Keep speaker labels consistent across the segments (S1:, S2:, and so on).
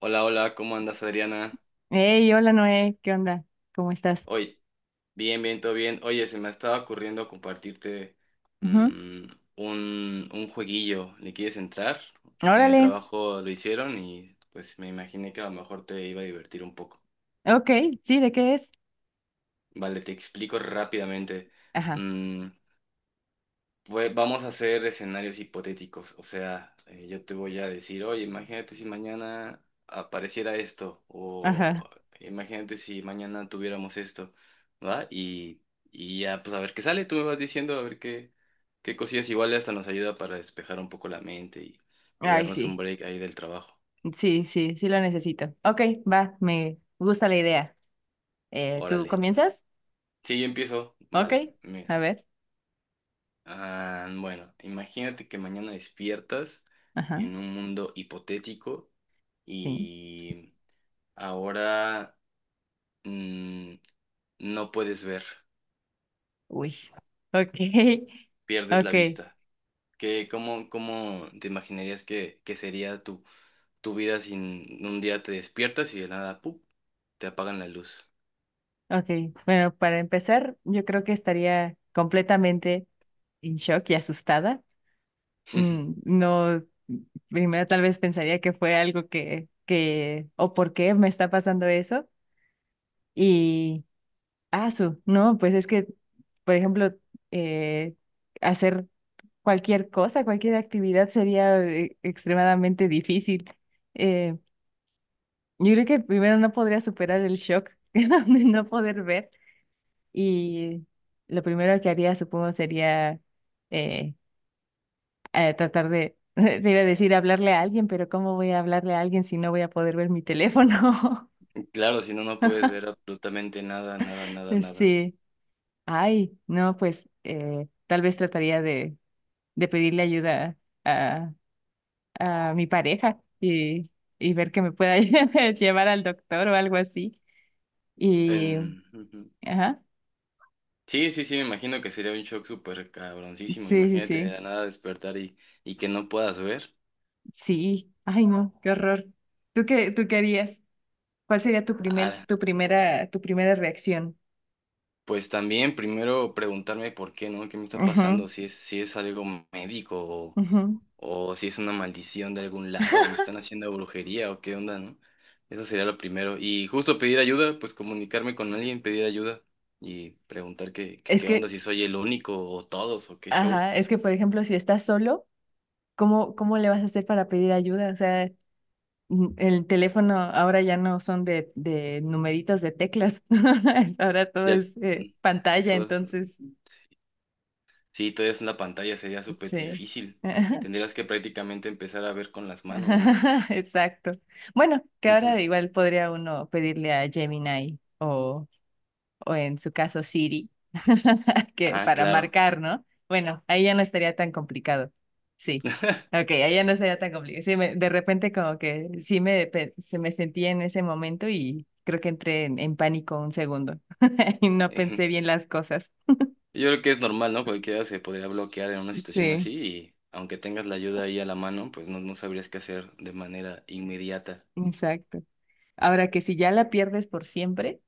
S1: Hola, hola, ¿cómo andas, Adriana?
S2: Hey, hola Noé, ¿qué onda? ¿Cómo estás?
S1: Hoy, bien, bien, todo bien. Oye, se me estaba ocurriendo compartirte
S2: Ujú.
S1: mm, un jueguillo. ¿Le quieres entrar? En el
S2: Órale,
S1: trabajo lo hicieron y pues me imaginé que a lo mejor te iba a divertir un poco.
S2: ok, sí, ¿de qué es?
S1: Vale, te explico rápidamente.
S2: Ajá,
S1: Mm, Pues vamos a hacer escenarios hipotéticos, o sea, yo te voy a decir, oye, imagínate si mañana apareciera esto,
S2: ajá.
S1: o imagínate si mañana tuviéramos esto, ¿va? Y ya, pues a ver qué sale, tú me vas diciendo, a ver qué cosillas, igual hasta nos ayuda para despejar un poco la mente y
S2: Ay,
S1: darnos un
S2: sí,
S1: break ahí del trabajo.
S2: sí, sí, sí lo necesito. Ok, va, me gusta la idea. ¿Tú
S1: Órale.
S2: comienzas?
S1: Sí, yo empiezo,
S2: Ok,
S1: vale,
S2: a
S1: mira.
S2: ver,
S1: Ah, bueno, imagínate que mañana despiertas
S2: ajá,
S1: en un mundo hipotético
S2: sí,
S1: y ahora mm, no puedes ver,
S2: uy, ok,
S1: pierdes la
S2: ok,
S1: vista. ¿Qué, cómo, cómo te imaginarías que sería tu vida sin un día te despiertas y de nada, ¡pup! Te apagan la luz?
S2: ok. Bueno, para empezar, yo creo que estaría completamente en shock y asustada. Mm, no, primero tal vez pensaría que fue algo que, o por qué me está pasando eso. Y, ah, su, no, pues es que, por ejemplo, eh, hacer cualquier cosa, cualquier actividad sería extremadamente difícil. Eh, yo creo que primero no podría superar el shock de no poder ver. Y lo primero que haría, supongo, sería... eh, tratar te iba a decir hablarle a alguien, pero ¿cómo voy a hablarle a alguien si no voy a poder ver mi teléfono?
S1: Claro, si no, no puedes ver absolutamente nada, nada, nada, nada.
S2: Sí, ay, no, pues tal vez trataría de pedirle ayuda a, a mi pareja y ver que me pueda llevar al doctor o algo así. Y,
S1: Ujú.
S2: ajá,
S1: Sí, sí, sí, me imagino que sería un shock súper cabroncísimo.
S2: sí, sí,
S1: Imagínate de la
S2: sí,
S1: nada despertar y que no puedas ver.
S2: sí, ay, no, qué horror. ¿Tú qué harías? ¿Cuál sería tu primer,
S1: Ah,
S2: ¿tu primera reacción?
S1: Pues también primero preguntarme por qué, ¿no? ¿Qué me está
S2: Ujú,
S1: pasando? Si es algo médico
S2: ujú.
S1: o si es una maldición de algún lado o me están haciendo brujería o qué onda, ¿no? Eso sería lo primero. Y justo pedir ayuda, pues comunicarme con alguien, pedir ayuda y preguntar
S2: Es
S1: qué onda,
S2: que
S1: si soy el único o todos o qué show.
S2: ajá, es que por ejemplo, si estás solo, ¿cómo le vas a hacer para pedir ayuda? O sea, n- el teléfono ahora ya no son de numeritos de teclas, ahora todo
S1: Ya,
S2: es
S1: mm,
S2: pantalla,
S1: todos,
S2: entonces,
S1: sí, todo es en la pantalla, sería súper
S2: sí.
S1: difícil. Tendrías que prácticamente empezar a ver con las manos, ¿no?
S2: Ajá, exacto. Bueno, que ahora igual podría uno pedirle a Gemini o en su caso Siri, que
S1: Ah,
S2: para
S1: claro.
S2: marcar, ¿no? Bueno, ahí ya no estaría tan complicado. Sí. Ok, ahí ya no estaría tan complicado. Sí, me- de repente como que sí me, pe- se me sentía en ese momento y creo que entré en pánico un segundo y no pensé bien las cosas.
S1: Yo creo que es normal, ¿no? Cualquiera se podría bloquear en una situación
S2: Sí,
S1: así y aunque tengas la ayuda ahí a la mano, pues no, no sabrías qué hacer de manera inmediata.
S2: exacto. Ahora que si ya la pierdes por siempre,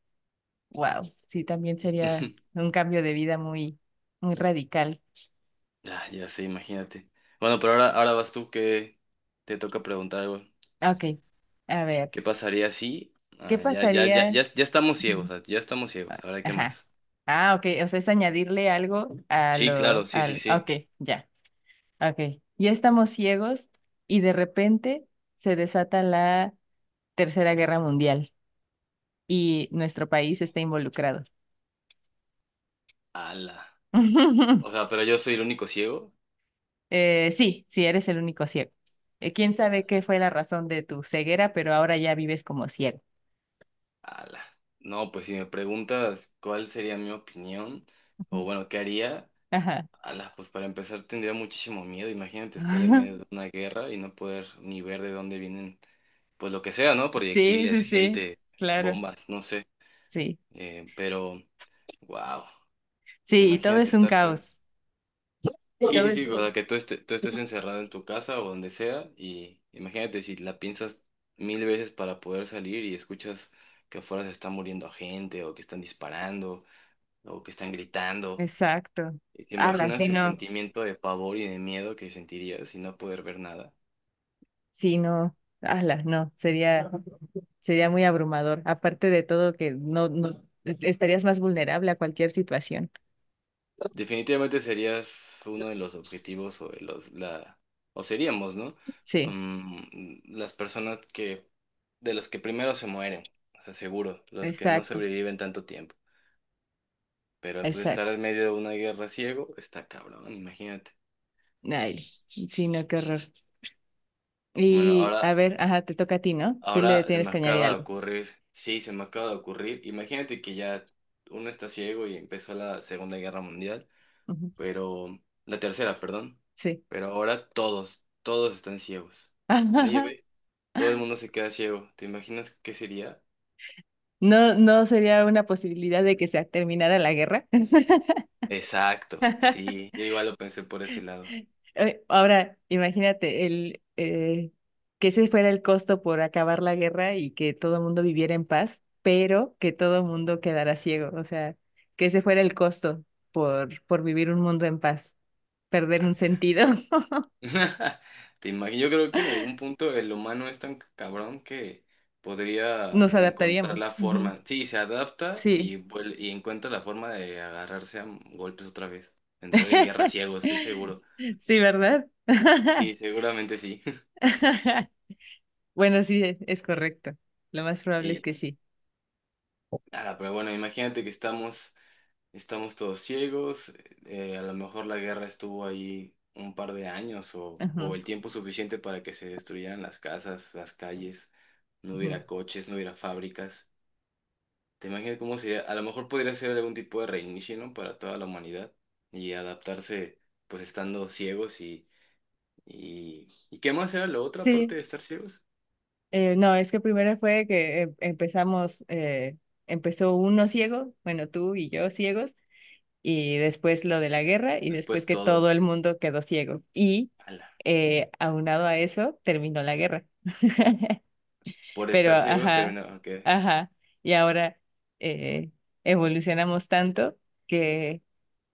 S2: wow, sí, también sería un cambio de vida muy, muy radical.
S1: Ah, ya sé, imagínate. Bueno, pero ahora vas tú que te toca preguntar algo.
S2: Ok, a ver,
S1: ¿Qué pasaría si...
S2: ¿qué
S1: Ah, ya, ya, ya,
S2: pasaría?
S1: ya, ya estamos ciegos, ah, ya estamos ciegos. Ahora, ¿qué
S2: Ajá.
S1: más?
S2: Ah, ok. O sea, es añadirle algo a
S1: Sí, claro,
S2: lo,
S1: sí, sí,
S2: al, ah, ok,
S1: sí.
S2: ya, ok. Ya estamos ciegos y de repente se desata la Tercera Guerra Mundial y nuestro país está involucrado.
S1: Ala. O sea, pero yo soy el único ciego.
S2: Sí, sí, eres el único ciego. Quién sabe qué fue la razón de tu ceguera, pero ahora ya vives como ciego.
S1: Ala. No, pues si me preguntas cuál sería mi opinión, o
S2: Ujú.
S1: bueno, ¿qué haría?
S2: Ajá.
S1: Ala, pues para empezar tendría muchísimo miedo. Imagínate estar en medio de una guerra y no poder ni ver de dónde pues lo que sea, ¿no?
S2: Sí,
S1: Proyectiles,
S2: sí, sí,
S1: gente,
S2: claro,
S1: bombas, no sé.
S2: sí.
S1: Eh, pero, wow.
S2: Sí, y todo
S1: Imagínate
S2: es un
S1: estar. Sí,
S2: caos.
S1: sí,
S2: Todo
S1: sí,
S2: es,
S1: sí, o sea, que tú estés encerrado en tu casa o donde sea y imagínate si la piensas mil veces para poder salir y escuchas que afuera se está muriendo gente o que están disparando o que están gritando.
S2: exacto.
S1: Y te
S2: Pero ala, sí,
S1: imaginas el
S2: no,
S1: sentimiento de pavor y de miedo que sentirías sin no poder ver nada.
S2: sí, no, ala, no, sería muy abrumador. Aparte de todo, que no, no, estarías más vulnerable a cualquier situación.
S1: Definitivamente serías uno de los objetivos o de o seríamos, ¿no?
S2: Sí,
S1: Las personas de los que primero se mueren, o sea, seguro, los que no
S2: exacto,
S1: sobreviven tanto tiempo. Pero pues estar
S2: exacto.
S1: en medio de una guerra ciego está cabrón, imagínate.
S2: Ay, sí, no, qué horror.
S1: Bueno,
S2: Y a ver, ajá, te toca a ti, ¿no? Tú le
S1: ahora se
S2: tienes
S1: me
S2: que añadir
S1: acaba de
S2: algo.
S1: ocurrir, sí, se me acaba de ocurrir. Imagínate que ya uno está ciego y empezó la Segunda Guerra Mundial.
S2: Ujú,
S1: Pero la tercera, perdón,
S2: sí.
S1: pero ahora todos están ciegos. Nadie ve, todo el mundo se queda ciego. ¿Te imaginas qué sería?
S2: No, no sería una posibilidad de que se terminara la guerra.
S1: Exacto, sí, yo igual lo pensé por ese lado.
S2: Ahora, imagínate el que ese fuera el costo por acabar la guerra y que todo el mundo viviera en paz, pero que todo el mundo quedara ciego. O sea, que ese fuera el costo por vivir un mundo en paz, perder un
S1: Ala.
S2: sentido,
S1: Te imagino, yo creo que en algún punto el humano es tan cabrón que podría
S2: nos
S1: encontrar
S2: adaptaríamos.
S1: la
S2: Ujú.
S1: forma. Sí, se adapta y,
S2: Sí,
S1: vuel- y encuentra la forma de agarrarse a golpes otra vez. Entrar en guerra ciego, estoy seguro.
S2: sí, ¿verdad?
S1: Sí, seguramente sí.
S2: Bueno, sí, es correcto. Lo más probable es
S1: Y
S2: que sí.
S1: Ah, pero bueno, imagínate que estamos todos ciegos, a lo mejor la guerra estuvo ahí un par de años o
S2: Ujú,
S1: el tiempo suficiente para que se destruyeran las casas, las calles, no
S2: ujú.
S1: hubiera coches, no hubiera fábricas. ¿Te imaginas cómo sería? A lo mejor podría ser algún tipo de reinicio, ¿no? Para toda la humanidad y adaptarse pues estando ciegos, ¿y qué más era lo otro
S2: Sí.
S1: aparte de estar ciegos?
S2: No, es que primero fue que em- empezamos, empezó uno ciego, bueno, tú y yo ciegos, y después lo de la guerra, y después
S1: Después
S2: que todo el
S1: todos,
S2: mundo quedó ciego. Y
S1: ala,
S2: aunado a eso, terminó la guerra.
S1: por
S2: Pero,
S1: estar ciegos
S2: ajá,
S1: terminaba, ok.
S2: ajá, y ahora eh, evolucionamos tanto que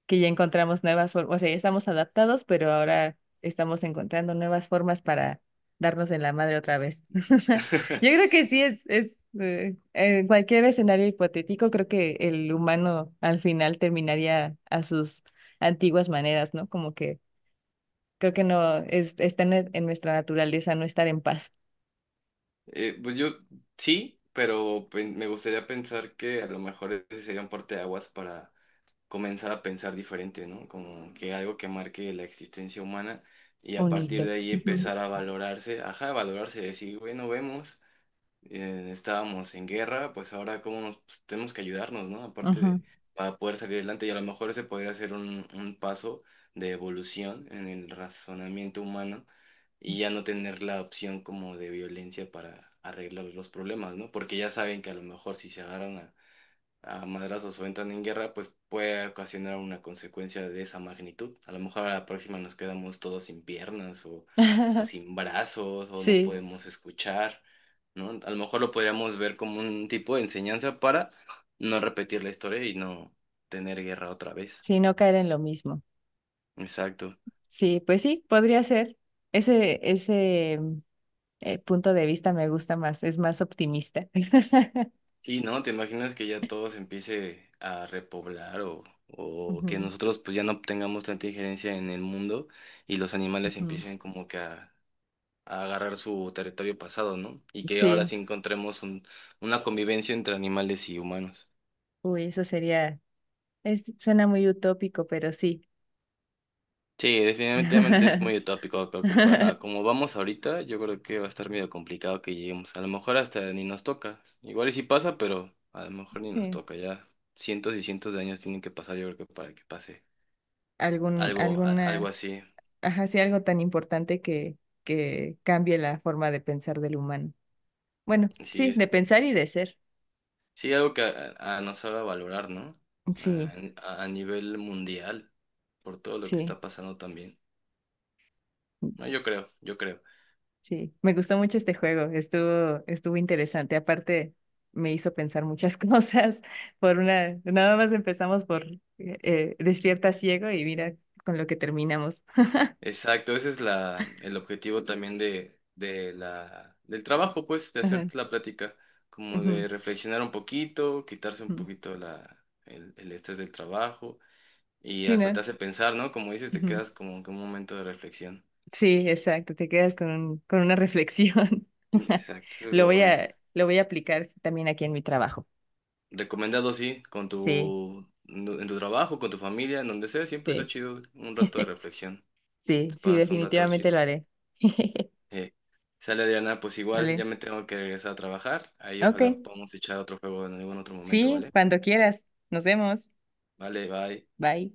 S2: que ya encontramos nuevas formas, o sea, ya estamos adaptados, pero ahora estamos encontrando nuevas formas para darnos en la madre otra vez. Yo creo que sí es en cualquier escenario hipotético, creo que el humano al final terminaría a sus antiguas maneras, ¿no? Como que creo que no, es, está en nuestra naturaleza no estar en paz.
S1: Pues yo sí, pero me gustaría pensar que a lo mejor ese sería un parteaguas para comenzar a pensar diferente, ¿no? Como que algo que marque la existencia humana y a
S2: Bonito.
S1: partir de ahí
S2: Ujú.
S1: empezar a valorarse, ajá, a valorarse, decir, bueno, vemos estábamos en guerra, pues ahora cómo nos pues, tenemos que ayudarnos, ¿no? Aparte
S2: Ujú.
S1: de para poder salir adelante y a lo mejor ese podría ser un paso de evolución en el razonamiento humano y ya no tener la opción como de violencia para arreglar los problemas, ¿no? Porque ya saben que a lo mejor si se agarran a madrazos o entran en guerra, pues puede ocasionar una consecuencia de esa magnitud. A lo mejor a la próxima nos quedamos todos sin piernas o sin brazos o no
S2: Sí,
S1: podemos escuchar, ¿no? A lo mejor lo podríamos ver como un tipo de enseñanza para no repetir la historia y no tener guerra otra vez.
S2: sí, no caer en lo mismo.
S1: Exacto.
S2: Sí, pues sí, podría ser ese punto de vista me gusta más, es más optimista.
S1: Sí, ¿no? ¿Te imaginas que ya todo se empiece a repoblar o que
S2: Ujú,
S1: nosotros pues ya no tengamos tanta injerencia en el mundo y los animales
S2: ujú.
S1: empiecen como que a agarrar su territorio pasado, ¿no? Y que ahora
S2: Sí,
S1: sí encontremos una convivencia entre animales y humanos.
S2: uy, eso sería, es, suena muy utópico, pero sí.
S1: Sí, definitivamente es muy utópico a como vamos ahorita, yo creo que va a estar medio complicado que lleguemos. A lo mejor hasta ni nos toca. Igual y sí pasa, pero a lo mejor ni nos
S2: Sí,
S1: toca. Ya cientos y cientos de años tienen que pasar, yo creo que para que pase
S2: algún,
S1: algo
S2: alguna,
S1: así.
S2: ajá, sí, algo tan importante que cambie la forma de pensar del humano. Bueno,
S1: Sí,
S2: sí, de
S1: este,
S2: pensar y de ser.
S1: sí, algo que nos haga valorar, ¿no? a
S2: Sí,
S1: a nivel mundial, por todo lo que
S2: sí.
S1: está pasando también. No, yo creo, yo creo.
S2: Sí, me gustó mucho este juego, estuvo, estuvo interesante. Aparte, me hizo pensar muchas cosas por una, nada más empezamos por despierta ciego y mira con lo que terminamos.
S1: Exacto, ese es el objetivo también de del trabajo, pues, de hacer
S2: Ajá,
S1: la plática, como
S2: ujú,
S1: de reflexionar un poquito, quitarse un
S2: ujú.
S1: poquito el estrés del trabajo y
S2: Sí,
S1: hasta
S2: ¿no?
S1: te hace pensar, ¿no? Como dices, te
S2: Ujú.
S1: quedas como que un momento de reflexión.
S2: Sí, exacto, te quedas con un- con una reflexión.
S1: Exacto, eso es lo bueno.
S2: Lo voy a aplicar también aquí en mi trabajo.
S1: Recomendado, sí, con
S2: Sí,
S1: tu, en tu trabajo, con tu familia, en donde sea, siempre está
S2: sí,
S1: chido un rato de reflexión.
S2: sí,
S1: Te
S2: sí,
S1: pasas un rato
S2: definitivamente
S1: chido.
S2: lo haré.
S1: Eh, sale Adriana, pues igual ya
S2: Vale.
S1: me tengo que regresar a trabajar. Ahí
S2: Ok,
S1: ojalá podamos echar otro juego en algún otro momento,
S2: sí,
S1: ¿vale?
S2: cuando quieras. Nos vemos.
S1: Vale, bye.
S2: Bye.